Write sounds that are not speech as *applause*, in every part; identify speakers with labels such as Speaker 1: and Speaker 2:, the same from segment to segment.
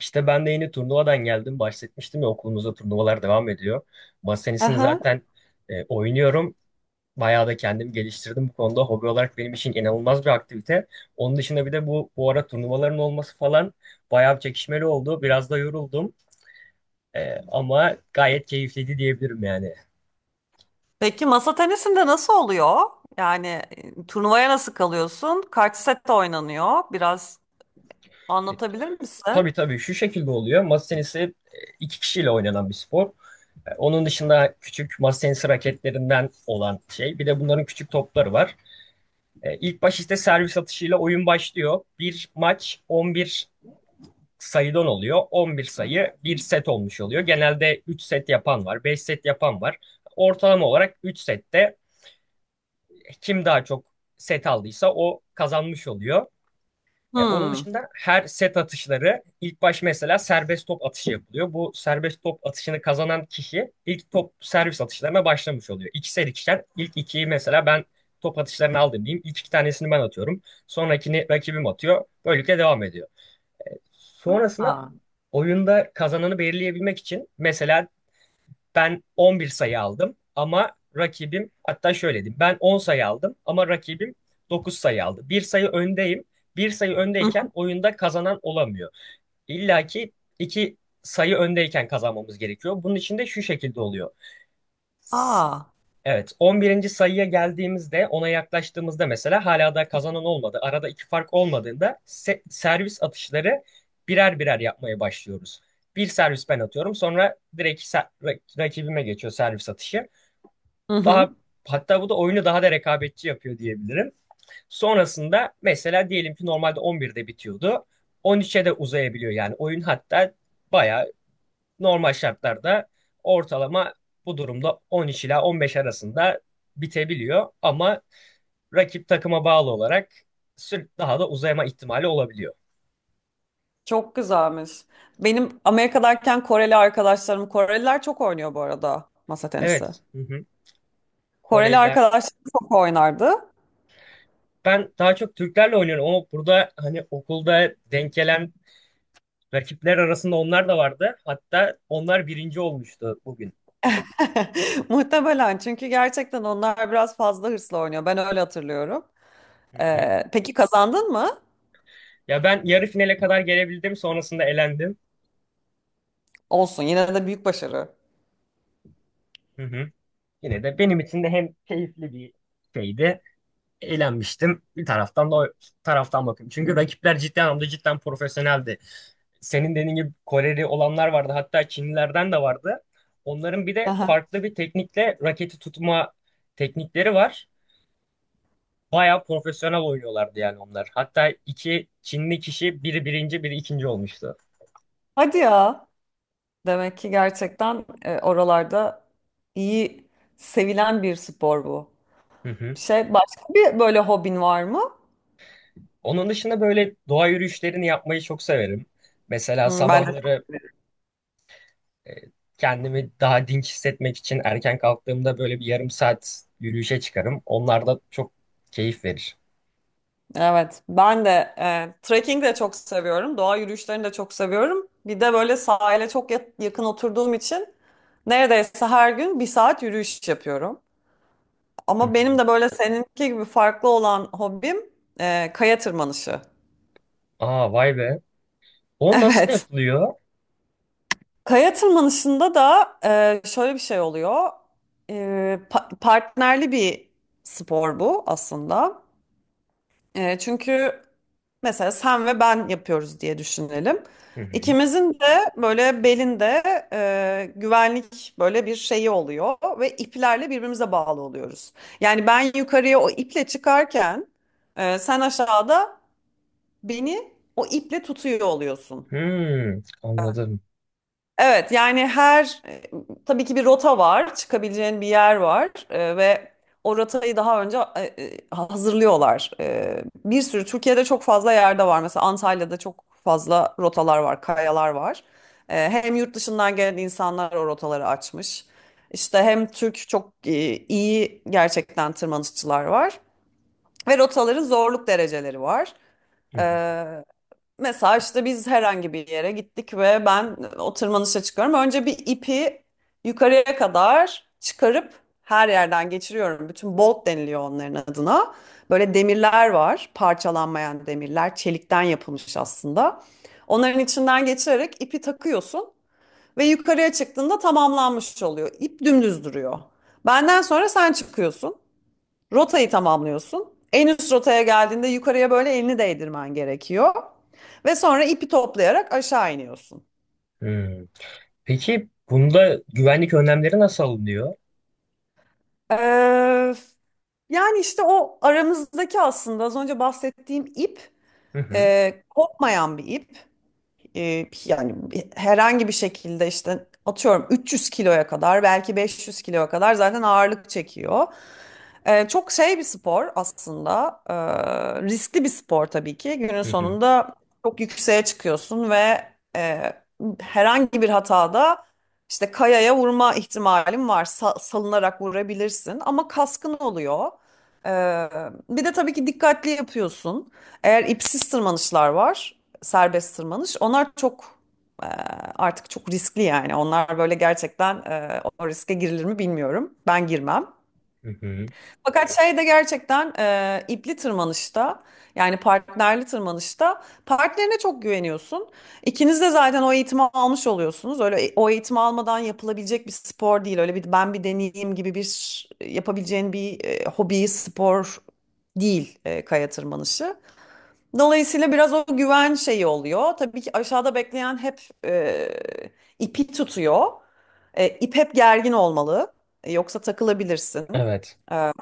Speaker 1: İşte ben de yeni turnuvadan geldim. Bahsetmiştim ya okulumuzda turnuvalar devam ediyor. Masa tenisini
Speaker 2: Aha.
Speaker 1: zaten oynuyorum. Bayağı da kendimi geliştirdim bu konuda. Hobi olarak benim için inanılmaz bir aktivite. Onun dışında bir de bu ara turnuvaların olması falan bayağı bir çekişmeli oldu. Biraz da yoruldum. Ama gayet keyifliydi diyebilirim yani.
Speaker 2: Peki masa tenisinde nasıl oluyor? Yani turnuvaya nasıl kalıyorsun? Kaç sette oynanıyor? Biraz
Speaker 1: E,
Speaker 2: anlatabilir
Speaker 1: tabii
Speaker 2: misin?
Speaker 1: tabii şu şekilde oluyor. Masa tenisi iki kişiyle oynanan bir spor. Onun dışında küçük masa tenisi raketlerinden olan şey. Bir de bunların küçük topları var. İlk baş işte servis atışıyla oyun başlıyor. Bir maç 11 sayıdan oluyor. 11 sayı bir set olmuş oluyor. Genelde 3 set yapan var, 5 set yapan var. Ortalama olarak 3 sette kim daha çok set aldıysa o kazanmış oluyor. Onun
Speaker 2: Hmm.
Speaker 1: dışında her set atışları ilk baş mesela serbest top atışı yapılıyor. Bu serbest top atışını kazanan kişi ilk top servis atışlarına başlamış oluyor. İkişer ikişer ilk ikiyi mesela ben top atışlarını aldım diyeyim. İlk iki tanesini ben atıyorum. Sonrakini rakibim atıyor. Böylelikle devam ediyor. Sonrasında
Speaker 2: Aa.
Speaker 1: oyunda kazananı belirleyebilmek için mesela ben 11 sayı aldım ama rakibim hatta şöyle diyeyim. Ben 10 sayı aldım ama rakibim 9 sayı aldı. Bir sayı öndeyim. Bir sayı
Speaker 2: Hı
Speaker 1: öndeyken
Speaker 2: hı.
Speaker 1: oyunda kazanan olamıyor. İlla ki iki sayı öndeyken kazanmamız gerekiyor. Bunun için de şu şekilde oluyor.
Speaker 2: Aa.
Speaker 1: Evet, 11'inci sayıya geldiğimizde, ona yaklaştığımızda mesela hala da kazanan olmadı. Arada iki fark olmadığında servis atışları birer birer yapmaya başlıyoruz. Bir servis ben atıyorum, sonra direkt rakibime geçiyor servis atışı.
Speaker 2: Hı
Speaker 1: Daha
Speaker 2: hı.
Speaker 1: hatta bu da oyunu daha da rekabetçi yapıyor diyebilirim. Sonrasında mesela diyelim ki normalde 11'de bitiyordu. 13'e de uzayabiliyor yani oyun, hatta bayağı. Normal şartlarda ortalama bu durumda 13 ila 15 arasında bitebiliyor ama rakip takıma bağlı olarak daha da uzayma ihtimali olabiliyor.
Speaker 2: Çok güzelmiş. Benim Amerika'dayken Koreli arkadaşlarım, Koreliler çok oynuyor bu arada masa tenisi.
Speaker 1: Evet, hı hı.
Speaker 2: Koreli
Speaker 1: Koreliler.
Speaker 2: arkadaşlarım çok oynardı.
Speaker 1: Ben daha çok Türklerle oynuyorum ama burada hani okulda denk gelen rakipler arasında onlar da vardı. Hatta onlar birinci olmuştu bugün.
Speaker 2: *laughs* Muhtemelen çünkü gerçekten onlar biraz fazla hırslı oynuyor. Ben öyle hatırlıyorum.
Speaker 1: Hı hı.
Speaker 2: Peki kazandın mı?
Speaker 1: Ya ben yarı finale kadar gelebildim, sonrasında elendim.
Speaker 2: Olsun yine de büyük başarı.
Speaker 1: Hı hı. Yine de benim için de hem keyifli bir şeydi, eğlenmiştim. Bir taraftan da o taraftan bakıyorum. Çünkü rakipler ciddi anlamda cidden profesyoneldi. Senin dediğin gibi Koreli olanlar vardı. Hatta Çinlilerden de vardı. Onların bir de
Speaker 2: Aha.
Speaker 1: farklı bir teknikle raketi tutma teknikleri var. Bayağı profesyonel oynuyorlardı yani onlar. Hatta iki Çinli kişi biri birinci biri ikinci olmuştu.
Speaker 2: Hadi ya. Demek ki gerçekten oralarda iyi sevilen bir spor bu.
Speaker 1: Hı hı.
Speaker 2: Başka bir böyle hobin var mı?
Speaker 1: Onun dışında böyle doğa yürüyüşlerini yapmayı çok severim. Mesela
Speaker 2: Hmm,
Speaker 1: sabahları e, kendimi daha dinç hissetmek için erken kalktığımda böyle bir yarım saat yürüyüşe çıkarım. Onlar da çok keyif verir.
Speaker 2: evet ben de trekking de çok seviyorum. Doğa yürüyüşlerini de çok seviyorum. Bir de böyle sahile çok yakın oturduğum için neredeyse her gün bir saat yürüyüş yapıyorum.
Speaker 1: Hı
Speaker 2: Ama benim
Speaker 1: hı.
Speaker 2: de böyle seninki gibi farklı olan hobim kaya tırmanışı. *laughs*
Speaker 1: Aa, vay be. O nasıl
Speaker 2: Evet.
Speaker 1: yapılıyor?
Speaker 2: Kaya tırmanışında da şöyle bir şey oluyor. E, Partnerli bir spor bu aslında. Çünkü mesela sen ve ben yapıyoruz diye düşünelim.
Speaker 1: Hı hı.
Speaker 2: İkimizin de böyle belinde güvenlik böyle bir şeyi oluyor ve iplerle birbirimize bağlı oluyoruz. Yani ben yukarıya o iple çıkarken sen aşağıda beni o iple tutuyor oluyorsun.
Speaker 1: Hmm, anladım.
Speaker 2: Evet, yani her tabii ki bir rota var, çıkabileceğin bir yer var, ve o rotayı daha önce hazırlıyorlar. Bir sürü Türkiye'de çok fazla yerde var. Mesela Antalya'da çok fazla rotalar var, kayalar var. Hem yurt dışından gelen insanlar o rotaları açmış. İşte hem Türk çok iyi gerçekten tırmanışçılar var ve rotaların zorluk dereceleri var.
Speaker 1: Hı
Speaker 2: E,
Speaker 1: hı.
Speaker 2: Mesela işte biz herhangi bir yere gittik ve ben o tırmanışa çıkıyorum. Önce bir ipi yukarıya kadar çıkarıp her yerden geçiriyorum. Bütün bolt deniliyor onların adına. Böyle demirler var, parçalanmayan demirler, çelikten yapılmış aslında. Onların içinden geçirerek ipi takıyorsun ve yukarıya çıktığında tamamlanmış oluyor. İp dümdüz duruyor. Benden sonra sen çıkıyorsun. Rotayı tamamlıyorsun. En üst rotaya geldiğinde yukarıya böyle elini değdirmen gerekiyor. Ve sonra ipi toplayarak aşağı iniyorsun.
Speaker 1: Hmm. Peki bunda güvenlik önlemleri nasıl alınıyor?
Speaker 2: Ee, yani işte o aramızdaki aslında az önce bahsettiğim ip
Speaker 1: Hı hı.
Speaker 2: kopmayan bir ip. Yani herhangi bir şekilde işte atıyorum 300 kiloya kadar, belki 500 kiloya kadar zaten ağırlık çekiyor. Çok şey bir spor aslında. Riskli bir spor tabii ki. Günün
Speaker 1: Hı hı.
Speaker 2: sonunda çok yükseğe çıkıyorsun ve e, herhangi bir hatada işte kayaya vurma ihtimalin var. Salınarak vurabilirsin ama kaskın oluyor. E, Bir de tabii ki dikkatli yapıyorsun. Eğer ipsiz tırmanışlar var, serbest tırmanış. Onlar çok e, artık çok riskli yani. Onlar böyle gerçekten, o riske girilir mi bilmiyorum. Ben girmem.
Speaker 1: Hı hı.
Speaker 2: Fakat şey de gerçekten ipli tırmanışta, yani partnerli tırmanışta, partnerine çok güveniyorsun. İkiniz de zaten o eğitimi almış oluyorsunuz. Öyle o eğitimi almadan yapılabilecek bir spor değil. Öyle bir ben bir deneyeyim gibi bir yapabileceğin bir hobi, spor değil kaya tırmanışı. Dolayısıyla biraz o güven şeyi oluyor. Tabii ki aşağıda bekleyen hep ipi tutuyor. İp hep gergin olmalı. Yoksa takılabilirsin.
Speaker 1: Evet.
Speaker 2: E,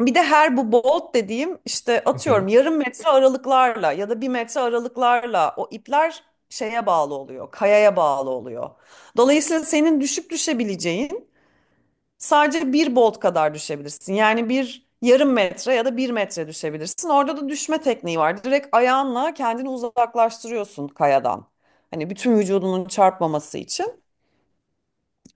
Speaker 2: Bir de her bu bolt dediğim işte
Speaker 1: Hı hı.
Speaker 2: atıyorum yarım metre aralıklarla ya da bir metre aralıklarla o ipler şeye bağlı oluyor. Kayaya bağlı oluyor. Dolayısıyla senin düşüp düşebileceğin sadece bir bolt kadar düşebilirsin. Yani bir yarım metre ya da bir metre düşebilirsin. Orada da düşme tekniği var. Direkt ayağınla kendini uzaklaştırıyorsun kayadan. Hani bütün vücudunun çarpmaması için.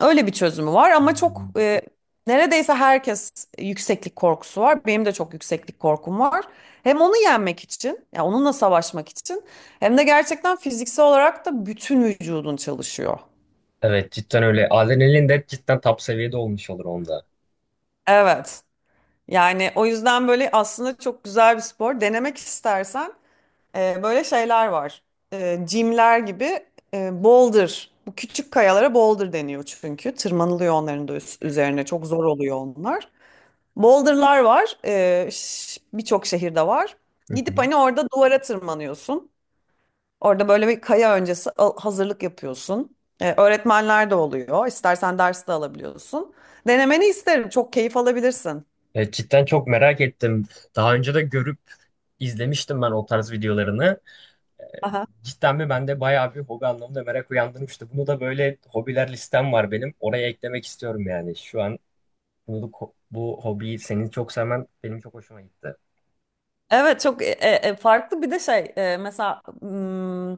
Speaker 2: Öyle bir çözümü var ama çok
Speaker 1: Hmm.
Speaker 2: neredeyse herkes yükseklik korkusu var. Benim de çok yükseklik korkum var. Hem onu yenmek için, ya onunla savaşmak için, hem de gerçekten fiziksel olarak da bütün vücudun çalışıyor.
Speaker 1: Evet, cidden öyle. Adrenalin de cidden top seviyede olmuş olur onda.
Speaker 2: Evet. Yani o yüzden böyle aslında çok güzel bir spor. Denemek istersen böyle şeyler var. Jimler gibi, boulder. Bu küçük kayalara boulder deniyor çünkü. Tırmanılıyor onların da üzerine. Çok zor oluyor onlar. Boulder'lar var. Birçok şehirde var.
Speaker 1: Hı hı.
Speaker 2: Gidip hani orada duvara tırmanıyorsun. Orada böyle bir kaya öncesi hazırlık yapıyorsun. Öğretmenler de oluyor. İstersen ders de alabiliyorsun. Denemeni isterim. Çok keyif alabilirsin.
Speaker 1: Cidden çok merak ettim. Daha önce de görüp izlemiştim ben o tarz videolarını. Cidden mi bende bayağı bir hobi anlamında merak uyandırmıştı. Bunu da böyle, hobiler listem var benim. Oraya eklemek istiyorum yani. Şu an bunu, bu hobiyi senin çok sevmen benim çok hoşuma gitti.
Speaker 2: Evet, çok farklı bir de şey, mesela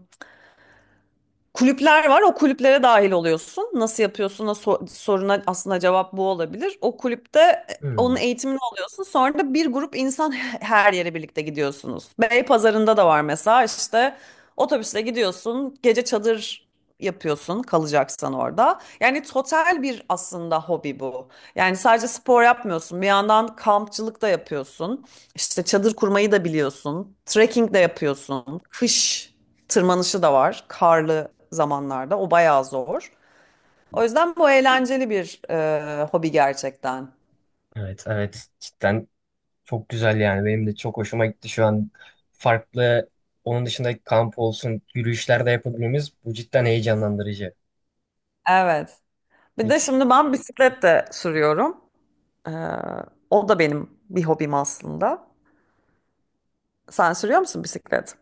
Speaker 2: kulüpler var. O kulüplere dahil oluyorsun. Nasıl yapıyorsun? Soruna aslında cevap bu olabilir. O kulüpte onun
Speaker 1: Hmm.
Speaker 2: eğitimini alıyorsun. Sonra da bir grup insan *laughs* her yere birlikte gidiyorsunuz. Beypazarı'nda da var mesela işte, otobüsle gidiyorsun. Gece çadır yapıyorsun kalacaksan orada. Yani total bir aslında hobi bu. Yani sadece spor yapmıyorsun. Bir yandan kampçılık da yapıyorsun. İşte çadır kurmayı da biliyorsun. Trekking de yapıyorsun. Kış tırmanışı da var karlı zamanlarda. O bayağı zor. O yüzden bu eğlenceli bir hobi gerçekten.
Speaker 1: Evet evet, cidden çok güzel yani. Benim de çok hoşuma gitti şu an. Farklı onun dışında kamp olsun, yürüyüşler de yapabilmemiz bu cidden heyecanlandırıcı.
Speaker 2: Evet. Bir de
Speaker 1: Peki.
Speaker 2: şimdi ben bisiklet de sürüyorum. E, O da benim bir hobim aslında. Sen sürüyor musun bisiklet?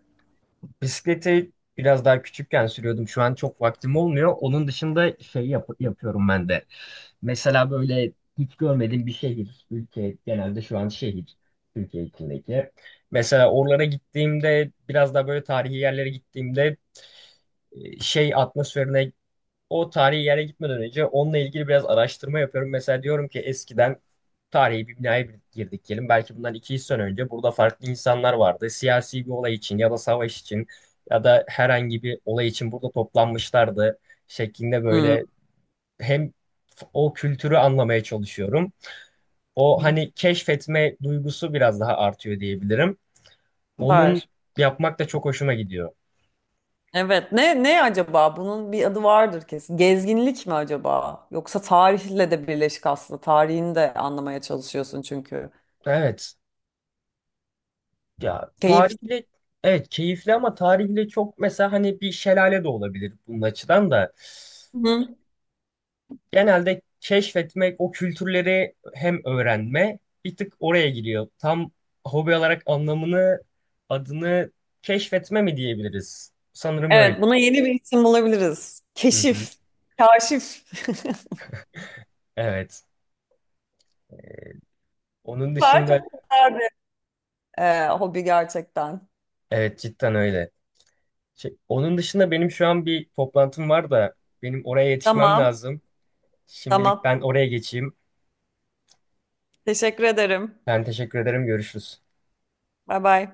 Speaker 1: Bisikleti biraz daha küçükken sürüyordum. Şu an çok vaktim olmuyor. Onun dışında şey yapıyorum ben de. Mesela böyle hiç görmediğim bir şehir, ülke, genelde şu an şehir, Türkiye içindeki. Mesela oralara gittiğimde, biraz daha böyle tarihi yerlere gittiğimde şey atmosferine, o tarihi yere gitmeden önce onunla ilgili biraz araştırma yapıyorum. Mesela diyorum ki eskiden tarihi bir binaya girdik diyelim. Belki bundan 200 sene önce burada farklı insanlar vardı. Siyasi bir olay için ya da savaş için ya da herhangi bir olay için burada toplanmışlardı şeklinde,
Speaker 2: Hı.
Speaker 1: böyle hem o kültürü anlamaya çalışıyorum. O
Speaker 2: Hı.
Speaker 1: hani keşfetme duygusu biraz daha artıyor diyebilirim. Onun
Speaker 2: Var.
Speaker 1: yapmak da çok hoşuma gidiyor.
Speaker 2: Evet. Ne acaba? Bunun bir adı vardır kesin. Gezginlik mi acaba? Yoksa tarihle de birleşik aslında. Tarihini de anlamaya çalışıyorsun çünkü.
Speaker 1: Evet. Ya
Speaker 2: Keyif.
Speaker 1: tarihle, evet keyifli ama tarihle çok mesela hani bir şelale de olabilir bunun açıdan da. Genelde keşfetmek, o kültürleri hem öğrenme bir tık oraya giriyor. Tam hobi olarak anlamını, adını keşfetme mi diyebiliriz? Sanırım öyle.
Speaker 2: Evet, buna yeni bir isim bulabiliriz.
Speaker 1: Hı hı.
Speaker 2: Keşif, kaşif.
Speaker 1: Evet. Onun
Speaker 2: *laughs* Süper,
Speaker 1: dışında
Speaker 2: çok güzel bir hobi gerçekten.
Speaker 1: evet, cidden öyle. Şey, onun dışında benim şu an bir toplantım var da benim oraya yetişmem
Speaker 2: Tamam,
Speaker 1: lazım. Şimdilik
Speaker 2: tamam.
Speaker 1: ben oraya geçeyim.
Speaker 2: Teşekkür ederim.
Speaker 1: Ben teşekkür ederim. Görüşürüz.
Speaker 2: Bay bay.